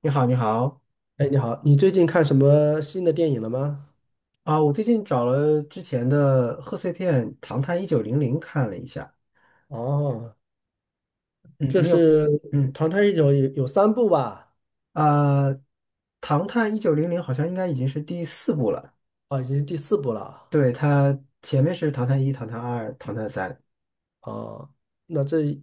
你好，你好。哎，你好，你最近看什么新的电影了吗？啊！我最近找了之前的贺岁片《唐探一九零零》看了一下。哦，嗯，这你有，是嗯《唐探一九》有三部吧？啊，唐探一九零零》好像应该已经是第四部了。哦，已经是第四部了。对，它前面是《唐探一》《唐探二》《唐探三》。哦，那这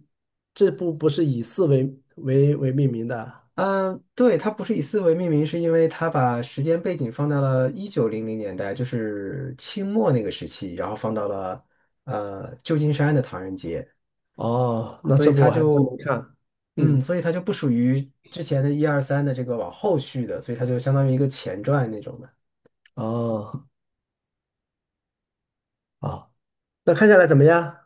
这部不是以四为命名的？嗯，对，它不是以四为命名，是因为它把时间背景放到了一九零零年代，就是清末那个时期，然后放到了旧金山的唐人街。哦，那所这以部它我还真没就看。嗯，所以它就不属于之前的一二三的这个往后续的，所以它就相当于一个前传那种的。哦，好，那看下来怎么样？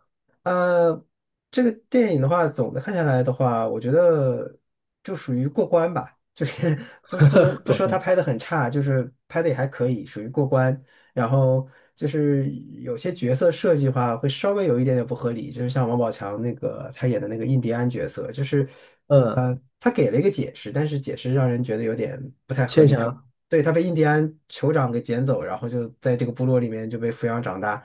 呃，这个电影的话，总的看下来的话，我觉得就属于过关吧，就是 不能 不广说他告。拍的很差，就是拍的也还可以，属于过关。然后就是有些角色设计的话，会稍微有一点点不合理，就是像王宝强那个他演的那个印第安角色，就是嗯，他给了一个解释，但是解释让人觉得有点不太合牵理，就强。对他被印第安酋长给捡走，然后就在这个部落里面就被抚养长大。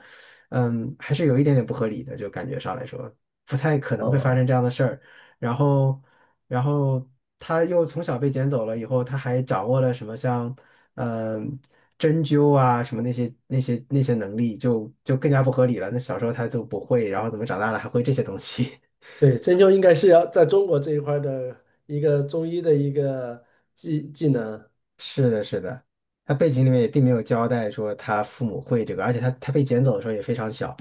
嗯，还是有一点点不合理的，就感觉上来说，不太可能会发哦，生这样的事儿。然后，然后他又从小被捡走了以后，他还掌握了什么像，嗯、针灸啊什么那些能力就，就更加不合理了。那小时候他就不会，然后怎么长大了还会这些东西？对，针灸应该是要在中国这一块儿的一个中医的一个技能。是的，是的，他背景里面也并没有交代说他父母会这个，而且他被捡走的时候也非常小，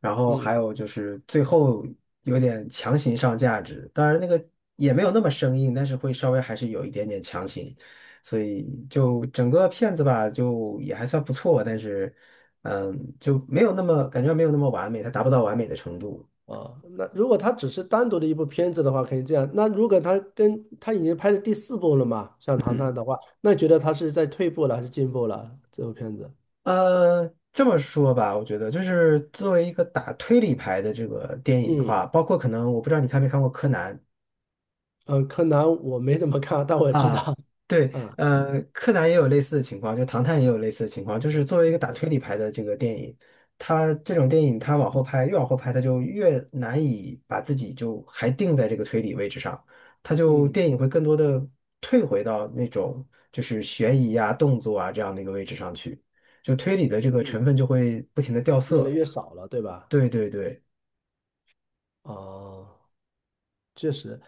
然后还嗯。有就是最后有点强行上价值，当然那个也没有那么生硬，但是会稍微还是有一点点强行，所以就整个片子吧，就也还算不错，但是就没有那么感觉没有那么完美，它达不到完美的程度。哦，那如果他只是单独的一部片子的话，可以这样。那如果他跟他已经拍了第四部了嘛，像《唐探》嗯。的话，那你觉得他是在退步了还是进步了？这部片子。呃，这么说吧，我觉得就是作为一个打推理牌的这个电影的嗯话，包括可能我不知道你看没看过柯南嗯，柯南我没怎么看，但我知啊，道。对。嗯柯南也有类似的情况，就唐探也有类似的情况，就是作为一个打推理牌的这个电影，它这种电影它往后拍，越往后拍，它就越难以把自己就还定在这个推理位置上，它就嗯电影会更多的退回到那种就是悬疑啊、动作啊这样的一个位置上去，就推理的这个成嗯，分就会不停的掉越来色。越少了，对吧？对对对，哦。确实，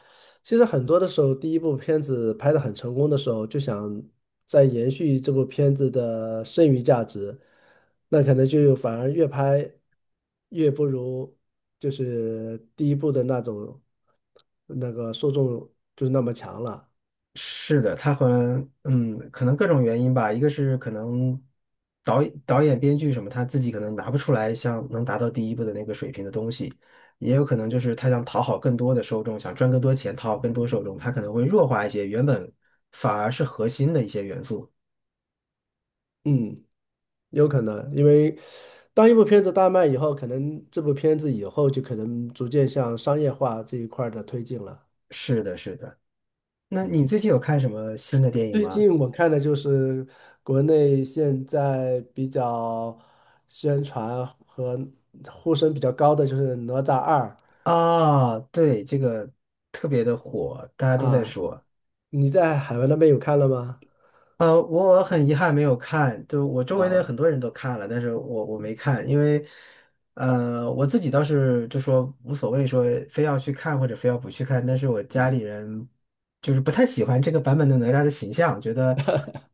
其实很多的时候，第一部片子拍的很成功的时候，就想再延续这部片子的剩余价值，那可能就反而越拍越不如就是第一部的那种那个受众就是那么强了。是的。他和嗯，可能各种原因吧，一个是可能导演、编剧什么，他自己可能拿不出来像能达到第一部的那个水平的东西，也有可能就是他想讨好更多的受众，想赚更多钱，讨好更多受众，他可能会弱化一些原本反而是核心的一些元素。嗯，有可能，因为当一部片子大卖以后，可能这部片子以后就可能逐渐向商业化这一块儿的推进了。是的，是的。那嗯，你最近有看什么新的电影最吗？近我看的就是国内现在比较宣传和呼声比较高的就是《哪吒二》。啊，对，这个特别的火，大家都在啊，说。你在海外那边有看了吗？我很遗憾没有看，就我周围的很啊，多人都看了，但是我没看，因为，我自己倒是就说无所谓，说非要去看或者非要不去看，但是我家里人就是不太喜欢这个版本的哪吒的形象，觉得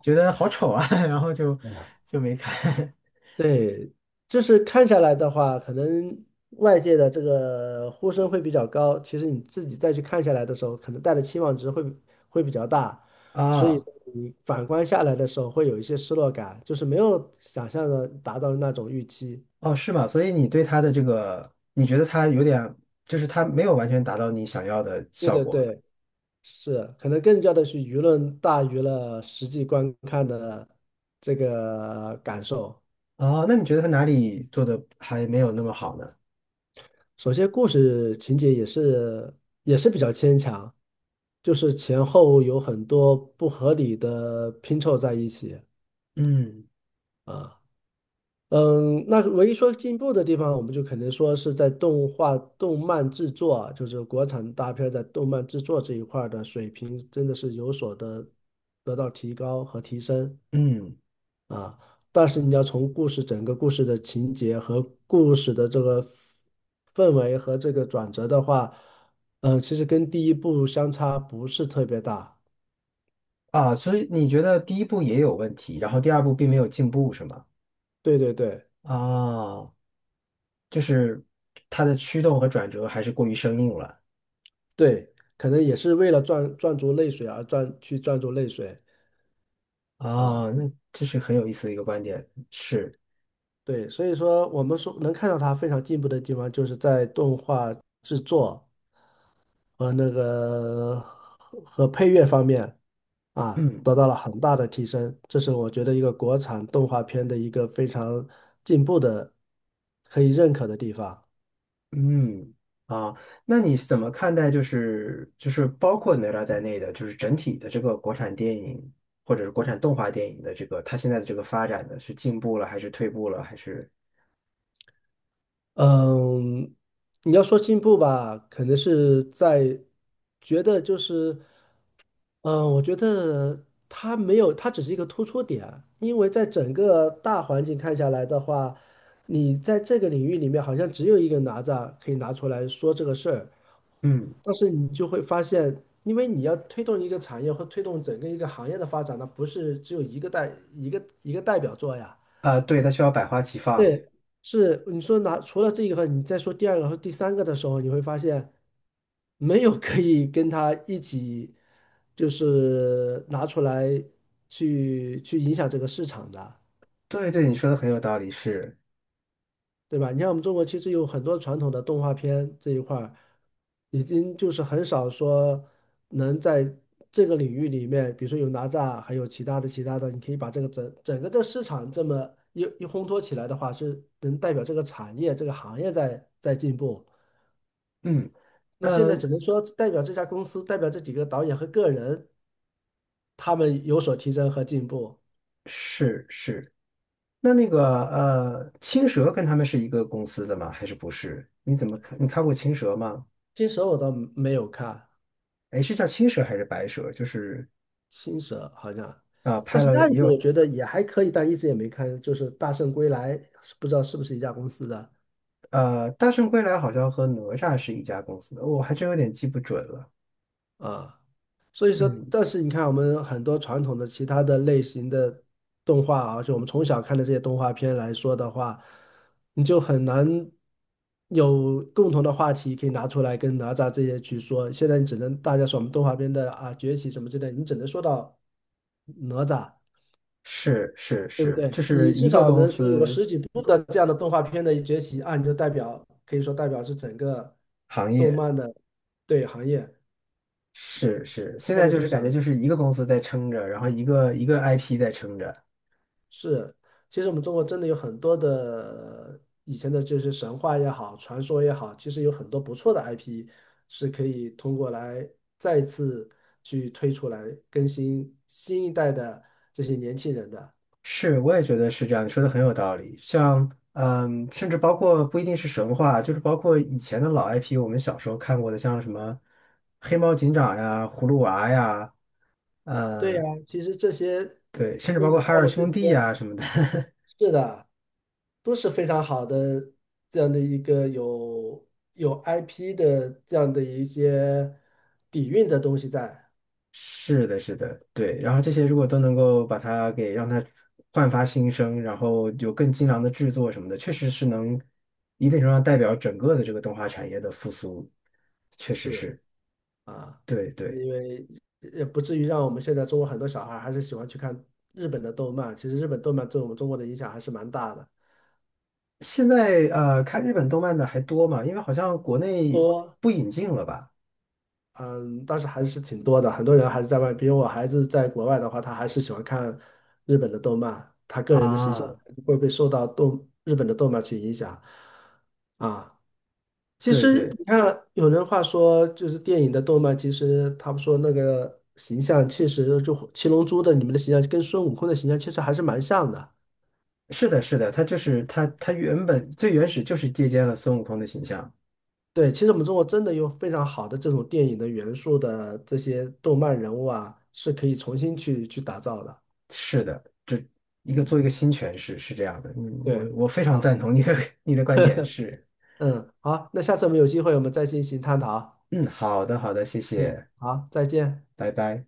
觉得好丑啊，然后就嗯，就没看 对，就是看下来的话，可能外界的这个呼声会比较高，其实你自己再去看下来的时候，可能带的期望值会比较大，所以啊，你反观下来的时候会有一些失落感，就是没有想象的达到那种预期。哦，是吗？所以你对他的这个，你觉得他有点，就是他没有完全达到你想要的对效对果。对。是，可能更加的是舆论大于了实际观看的这个感受。哦，那你觉得他哪里做的还没有那么好呢？首先，故事情节也是比较牵强，就是前后有很多不合理的拼凑在一起嗯啊。嗯，那唯一说进步的地方，我们就肯定说是在动画、动漫制作啊，就是国产大片在动漫制作这一块儿的水平，真的是有所的得到提高和提升。嗯。啊，但是你要从故事整个故事的情节和故事的这个氛围和这个转折的话，嗯，其实跟第一部相差不是特别大。啊，所以你觉得第一步也有问题，然后第二步并没有进步，是吗？对对对啊，就是它的驱动和转折还是过于生硬了。对，可能也是为了赚足泪水而赚足泪水。啊，那这是很有意思的一个观点，是。对，所以说我们说能看到它非常进步的地方，就是在动画制作和那个和和配乐方面。啊，嗯得到了很大的提升。这是我觉得一个国产动画片的一个非常进步的，可以认可的地方。嗯。啊，那你怎么看待就是就是包括哪吒在内的，就是整体的这个国产电影或者是国产动画电影的这个它现在的这个发展呢，是进步了还是退步了还是嗯，你要说进步吧，可能是在觉得就是，嗯，我觉得它没有，它只是一个突出点，因为在整个大环境看下来的话，你在这个领域里面好像只有一个哪吒可以拿出来说这个事儿。嗯但是你就会发现，因为你要推动一个产业或推动整个一个行业的发展，那不是只有一个代表作呀。啊，对，它需要百花齐放。对，是你说拿除了这个，你再说第二个和第三个的时候，你会发现没有可以跟他一起就是拿出来去影响这个市场的。对对，你说的很有道理，是。对吧？你看我们中国其实有很多传统的动画片这一块儿，已经就是很少说能在这个领域里面，比如说有哪吒，还有其他的，你可以把这个整个这市场这么一烘托起来的话，是能代表这个产业这个行业在进步。嗯。那现在呃，只能说代表这家公司，代表这几个导演和个人，他们有所提升和进步。是是。那个青蛇跟他们是一个公司的吗？还是不是？你怎么看？你看过青蛇吗？新手我倒没有看。哎，是叫青蛇还是白蛇？就是青蛇好像，但拍是了那一也部我有。觉得也还可以，但一直也没看，就是《大圣归来》，不知道是不是一家公司的《大圣归来》好像和哪吒是一家公司的，我还真有点记不准了。啊。所以说，嗯，但是你看我们很多传统的其他的类型的动画啊，就我们从小看的这些动画片来说的话，你就很难有共同的话题可以拿出来跟哪吒这些去说。现在你只能大家说我们动画片的啊崛起什么之类，你只能说到哪吒。是是对不是，就对？你是至一个少公能说有个司十几部的这样的动画片的崛起啊，你就代表可以说代表是整个行动业。漫的对行业。是嗯，是，我是现这在么就去是感觉想，就是一个公司在撑着，然后一个一个 IP 在撑着。是，其实我们中国真的有很多的以前的这些神话也好，传说也好，其实有很多不错的 IP 是可以通过来再次去推出来更新新一代的这些年轻人的。是，我也觉得是这样，你说的很有道理。像，嗯，甚至包括不一定是神话，就是包括以前的老 IP，我们小时候看过的，像什么黑猫警长呀、葫芦娃呀，对呀，嗯，其实这些对，甚至跟包国括海外尔的这兄些。弟呀什么的。是的，都是非常好的这样的一个有 IP 的这样的一些底蕴的东西在，是的，是的，对。然后这些如果都能够把它给让它焕发新生，然后有更精良的制作什么的，确实是能一定程度上代表整个的这个动画产业的复苏，确实是是，啊，对因对。为也不至于让我们现在中国很多小孩还是喜欢去看日本的动漫，其实日本动漫对我们中国的影响还是蛮大的。现在看日本动漫的还多嘛？因为好像国内多。不引进了吧？嗯，但是还是挺多的，很多人还是在外，比如我孩子在国外的话，他还是喜欢看日本的动漫，他个人的形象啊，会被受到动日本的动漫去影响啊。其对实对，你看，有人话说，就是电影的动漫，其实他们说那个形象确实就《七龙珠》的你们的形象跟孙悟空的形象其实还是蛮像的。是的，是的，他就是他，他原本最原始就是借鉴了孙悟空的形象。对，其实我们中国真的有非常好的这种电影的元素的这些动漫人物啊，是可以重新去打造的。是的，这一个嗯。做一个新诠释是这样的。嗯，我对，我非常好，赞同你的 你的观点，是。嗯，好，那下次我们有机会我们再进行探讨。嗯，好的，好的，谢嗯，谢，好，再见。拜拜。